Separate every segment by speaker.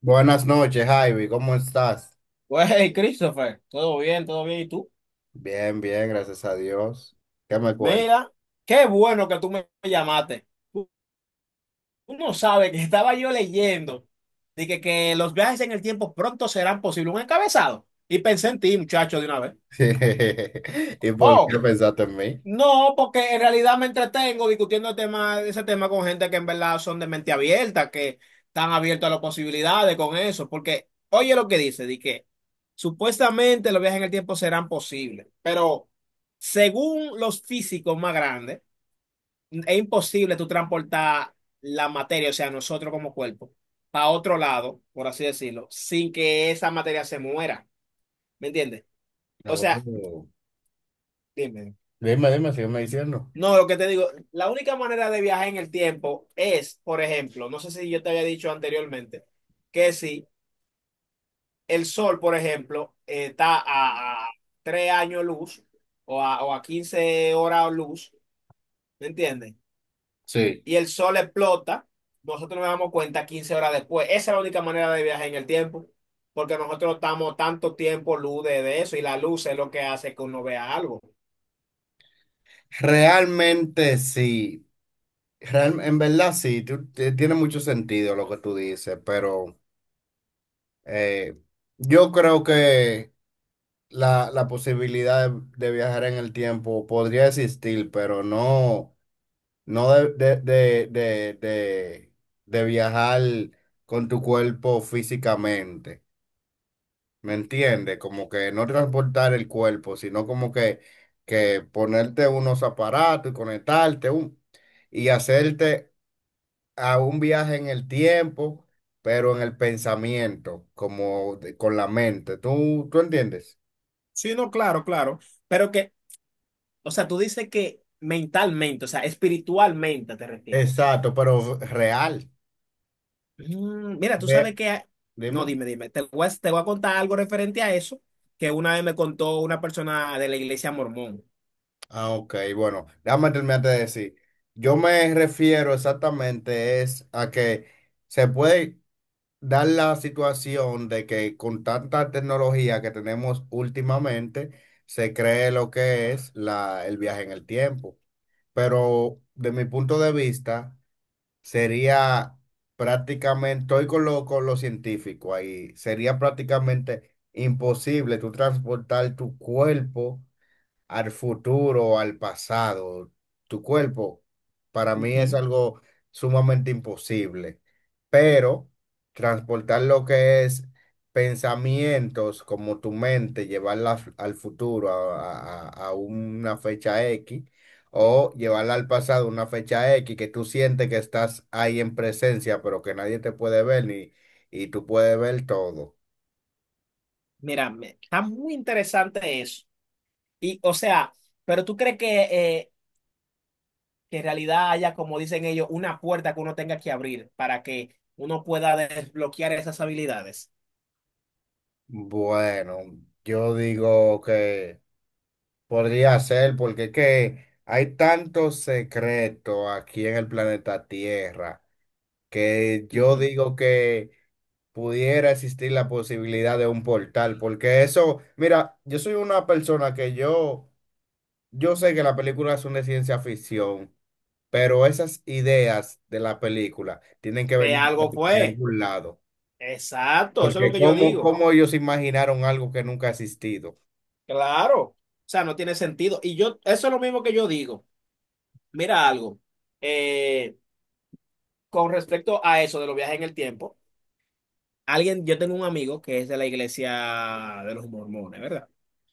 Speaker 1: Buenas noches, Javi, ¿cómo estás?
Speaker 2: Pues, hey, Christopher, todo bien, todo bien. ¿Y tú?
Speaker 1: Bien, bien, gracias a Dios. ¿Qué me cuentas?
Speaker 2: Mira, qué bueno que tú me llamaste. Tú no sabes que estaba yo leyendo de que los viajes en el tiempo pronto serán posibles. Un encabezado. Y pensé en ti, muchacho, de una vez.
Speaker 1: ¿Y por qué
Speaker 2: Oh,
Speaker 1: pensaste en mí?
Speaker 2: no, porque en realidad me entretengo discutiendo el tema, ese tema con gente que en verdad son de mente abierta, que están abiertos a las posibilidades con eso. Porque, oye lo que dice, de que supuestamente los viajes en el tiempo serán posibles, pero. Según los físicos más grandes, es imposible tú transportar la materia, o sea, nosotros como cuerpo, a otro lado, por así decirlo, sin que esa materia se muera. ¿Me entiendes? O sea,
Speaker 1: No.
Speaker 2: dime.
Speaker 1: Dime, dime, sígueme diciendo.
Speaker 2: No, lo que te digo, la única manera de viajar en el tiempo es, por ejemplo, no sé si yo te había dicho anteriormente, que si el sol, por ejemplo, está a 3 años luz o a 15 horas luz, ¿me entiendes?
Speaker 1: Sí.
Speaker 2: Y el sol explota, nosotros nos damos cuenta 15 horas después. Esa es la única manera de viajar en el tiempo, porque nosotros estamos tanto tiempo luz de eso, y la luz es lo que hace que uno vea algo.
Speaker 1: Realmente sí. En verdad sí, tiene mucho sentido lo que tú dices, pero eh, yo creo que la posibilidad de viajar en el tiempo podría existir, pero no. No de viajar con tu cuerpo físicamente, ¿me entiendes? Como que no transportar el cuerpo, sino como que ponerte unos aparatos y y hacerte a un viaje en el tiempo, pero en el pensamiento, con la mente. Tú entiendes?
Speaker 2: Sí, no, claro, claro. Pero que, o sea, tú dices que mentalmente, o sea, espiritualmente te refieres.
Speaker 1: Exacto, pero real.
Speaker 2: Mira, tú sabes
Speaker 1: Re-
Speaker 2: que. No,
Speaker 1: Dime.
Speaker 2: dime, dime. Te voy a contar algo referente a eso que una vez me contó una persona de la iglesia mormón.
Speaker 1: Ah, ok, bueno, déjame terminarte de decir. Yo me refiero exactamente es a que se puede dar la situación de que con tanta tecnología que tenemos últimamente, se cree lo que es el viaje en el tiempo. Pero de mi punto de vista, sería prácticamente, estoy con lo científico ahí, sería prácticamente imposible tú transportar tu cuerpo al futuro o al pasado. Tu cuerpo, para mí es
Speaker 2: Ujú.
Speaker 1: algo sumamente imposible, pero transportar lo que es pensamientos como tu mente, al futuro, a una fecha X,
Speaker 2: Sí.
Speaker 1: o llevarla al pasado, una fecha X, que tú sientes que estás ahí en presencia, pero que nadie te puede ver ni, y tú puedes ver todo.
Speaker 2: Mira, está muy interesante eso. Y, o sea, pero tú crees que en realidad haya, como dicen ellos, una puerta que uno tenga que abrir para que uno pueda desbloquear esas habilidades.
Speaker 1: Bueno, yo digo que... Podría ser, porque es que hay tanto secreto aquí en el planeta Tierra que yo
Speaker 2: Ujú.
Speaker 1: digo que pudiera existir la posibilidad de un portal. Porque eso, mira, yo soy una persona que yo sé que las películas son de ciencia ficción, pero esas ideas de la película tienen que
Speaker 2: De
Speaker 1: venir
Speaker 2: algo
Speaker 1: de
Speaker 2: fue.
Speaker 1: algún lado,
Speaker 2: Exacto, eso es lo
Speaker 1: porque
Speaker 2: que yo
Speaker 1: cómo,
Speaker 2: digo.
Speaker 1: cómo ellos imaginaron algo que nunca ha existido.
Speaker 2: Claro. O sea, no tiene sentido. Y yo, eso es lo mismo que yo digo. Mira algo. eh, con respecto a eso de los viajes en el tiempo, alguien, yo tengo un amigo que es de la iglesia de los mormones, ¿verdad?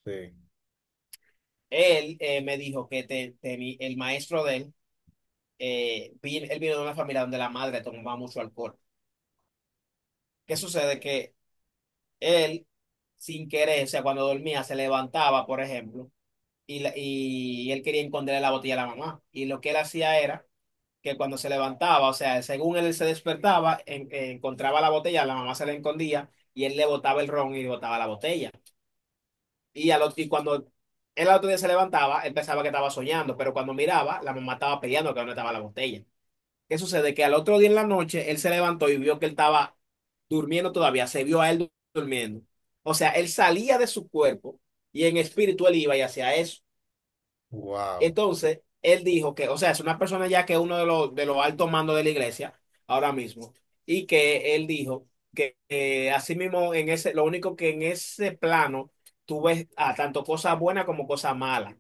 Speaker 1: Sí.
Speaker 2: Él me dijo que el maestro de él él vino de una familia donde la madre tomaba mucho alcohol. ¿Qué sucede? Que él, sin querer, o sea, cuando dormía, se levantaba, por ejemplo, y, y él quería esconderle la botella a la mamá. Y lo que él hacía era que cuando se levantaba, o sea, según él se despertaba, encontraba la botella, la mamá se la escondía y él le botaba el ron y le botaba la botella. Y cuando él al otro día se levantaba, él pensaba que estaba soñando, pero cuando miraba, la mamá estaba peleando que no estaba la botella. ¿Qué sucede? Que al otro día en la noche él se levantó y vio que él estaba durmiendo todavía, se vio a él durmiendo. O sea, él salía de su cuerpo y en espíritu él iba y hacía eso.
Speaker 1: Wow.
Speaker 2: Entonces, él dijo que, o sea, es una persona ya que es uno de los altos mandos de la iglesia ahora mismo, y que él dijo que así mismo en ese, lo único que en ese plano tú ves, tanto cosas buenas como cosas malas,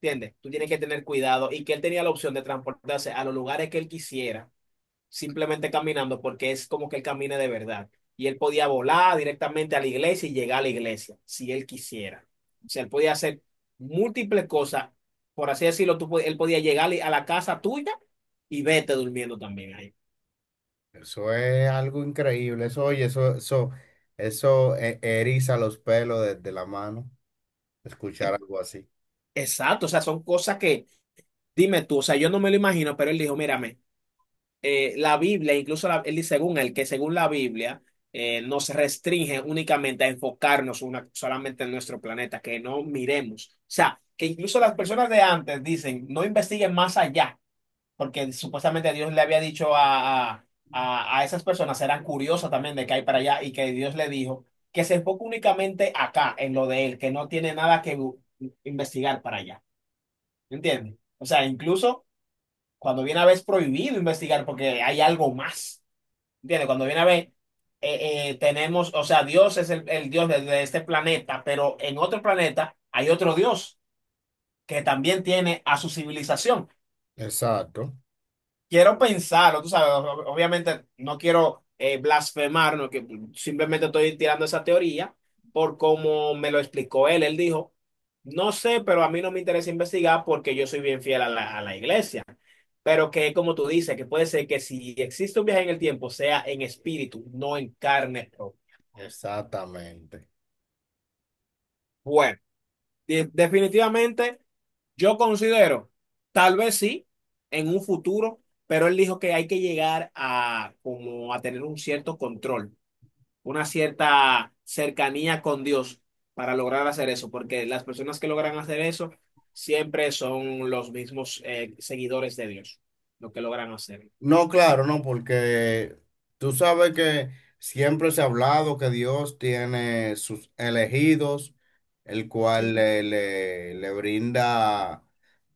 Speaker 2: ¿entiendes? Tú tienes que tener cuidado, y que él tenía la opción de transportarse a los lugares que él quisiera simplemente caminando porque es como que él camine de verdad. Y él podía volar directamente a la iglesia y llegar a la iglesia, si él quisiera. O sea, él podía hacer múltiples cosas, por así decirlo, él podía llegar a la casa tuya y vete durmiendo también ahí.
Speaker 1: Eso es algo increíble. Eso, oye, eso eriza los pelos de la mano, escuchar algo así.
Speaker 2: Exacto, o sea, son cosas que, dime tú, o sea, yo no me lo imagino, pero él dijo, mírame. La Biblia, incluso él dice, según él, que según la Biblia, nos restringe únicamente a enfocarnos solamente en nuestro planeta, que no miremos. O sea, que incluso las personas de antes dicen, no investiguen más allá, porque supuestamente Dios le había dicho a esas personas, eran curiosas también de que hay para allá, y que Dios le dijo que se enfoque únicamente acá, en lo de él, que no tiene nada que investigar para allá. ¿Entiendes? O sea, incluso cuando viene a ver es prohibido investigar porque hay algo más. ¿Entiendes? Cuando viene a ver, tenemos, o sea, Dios es el Dios de este planeta, pero en otro planeta hay otro Dios que también tiene a su civilización.
Speaker 1: Exacto,
Speaker 2: Quiero pensarlo, tú sabes, obviamente no quiero, blasfemar, no, que simplemente estoy tirando esa teoría por cómo me lo explicó él. Él dijo, no sé, pero a mí no me interesa investigar porque yo soy bien fiel a la iglesia. Pero que como tú dices, que puede ser que si existe un viaje en el tiempo, sea en espíritu, no en carne propia.
Speaker 1: exactamente.
Speaker 2: Bueno, definitivamente yo considero, tal vez sí, en un futuro, pero él dijo que hay que llegar a como a tener un cierto control, una cierta cercanía con Dios para lograr hacer eso, porque las personas que logran hacer eso siempre son los mismos seguidores de Dios, lo que logran hacer.
Speaker 1: No, claro, no, porque tú sabes que siempre se ha hablado que Dios tiene sus elegidos, el cual
Speaker 2: Sí,
Speaker 1: le brinda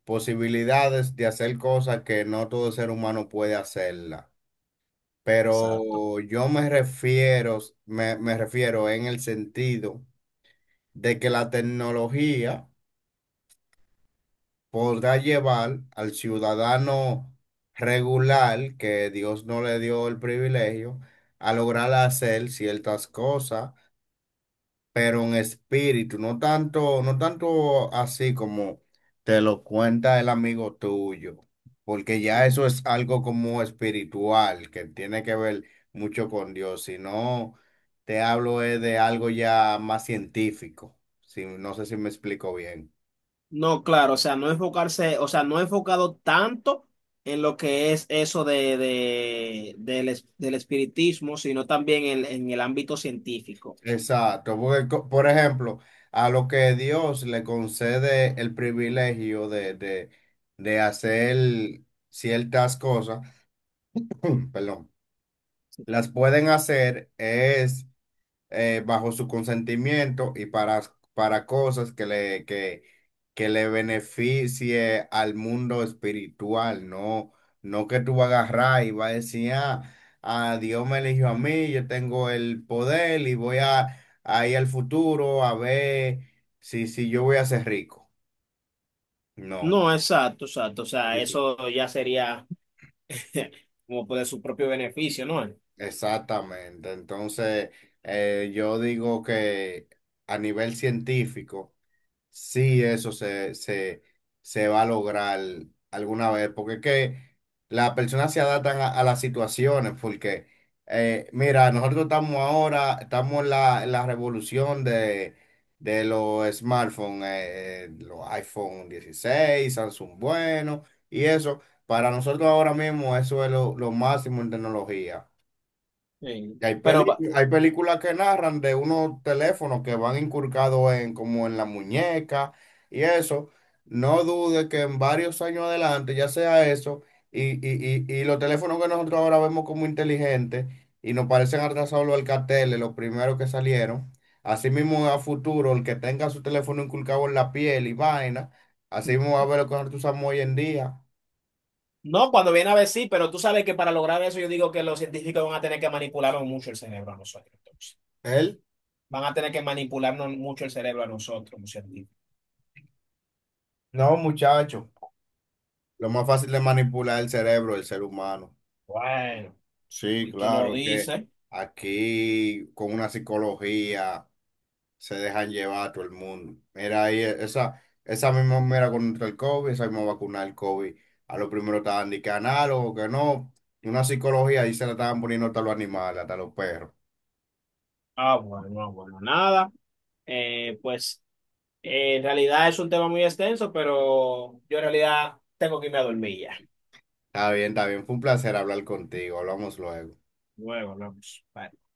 Speaker 1: posibilidades de hacer cosas que no todo ser humano puede hacerla.
Speaker 2: exacto.
Speaker 1: Pero yo me refiero, me refiero en el sentido de que la tecnología podrá llevar al ciudadano regular, que Dios no le dio el privilegio, a lograr hacer ciertas cosas pero en espíritu, no tanto, no tanto así como te lo cuenta el amigo tuyo, porque ya
Speaker 2: Ujú.
Speaker 1: eso es algo como espiritual, que tiene que ver mucho con Dios, sino te hablo es de algo ya más científico, si, no sé si me explico bien.
Speaker 2: No, claro, o sea, no enfocarse, o sea, no enfocado tanto en lo que es eso del espiritismo, sino también en el ámbito científico.
Speaker 1: Exacto, porque por ejemplo, a lo que Dios le concede el privilegio de hacer ciertas cosas, perdón. Las pueden hacer es bajo su consentimiento y para cosas que que le beneficie al mundo espiritual, no, no que tú vas a agarrar y vas a decir, ah, ah, Dios me eligió a mí, yo tengo el poder y voy a ir al futuro a ver si, si yo voy a ser rico. No,
Speaker 2: No, exacto, exacto, o sea,
Speaker 1: eso.
Speaker 2: eso ya sería como por su propio beneficio, ¿no?
Speaker 1: Exactamente. Entonces, yo digo que a nivel científico, sí, eso se va a lograr alguna vez, porque es que las personas se adaptan a las situaciones, porque mira, nosotros estamos ahora, estamos en en la revolución de los smartphones, los iPhone 16 Samsung bueno, y eso, para nosotros ahora mismo eso es lo máximo en tecnología.
Speaker 2: Sí.
Speaker 1: Y hay
Speaker 2: Pero
Speaker 1: hay películas que narran de unos teléfonos que van incurcados en como en la muñeca y eso. No dude que en varios años adelante ya sea eso y, y los teléfonos que nosotros ahora vemos como inteligentes y nos parecen atrasados los alcateles, los primeros que salieron. Así mismo a futuro, el que tenga su teléfono inculcado en la piel y vaina, así mismo va a ver lo que nosotros usamos hoy en día.
Speaker 2: no, cuando viene a ver sí, pero tú sabes que para lograr eso yo digo que los científicos van a tener que manipularnos mucho el cerebro a nosotros, entonces.
Speaker 1: Él,
Speaker 2: Van a tener que manipularnos mucho el cerebro a nosotros, los científicos.
Speaker 1: no, muchacho, lo más fácil de manipular el cerebro del ser humano.
Speaker 2: Bueno,
Speaker 1: Sí,
Speaker 2: si tú lo
Speaker 1: claro, que
Speaker 2: dices.
Speaker 1: aquí con una psicología se dejan llevar a todo el mundo. Mira, ahí esa, esa misma mera contra el COVID, esa misma vacuna del COVID, a lo primero estaban de que análogo, que no, una psicología ahí se la estaban poniendo hasta los animales, hasta los perros.
Speaker 2: Ah, bueno, no, bueno, nada. Pues en realidad es un tema muy extenso, pero yo en realidad tengo que irme a dormir ya.
Speaker 1: Está bien, fue un placer hablar contigo, hablamos luego.
Speaker 2: Luego vamos. Bye.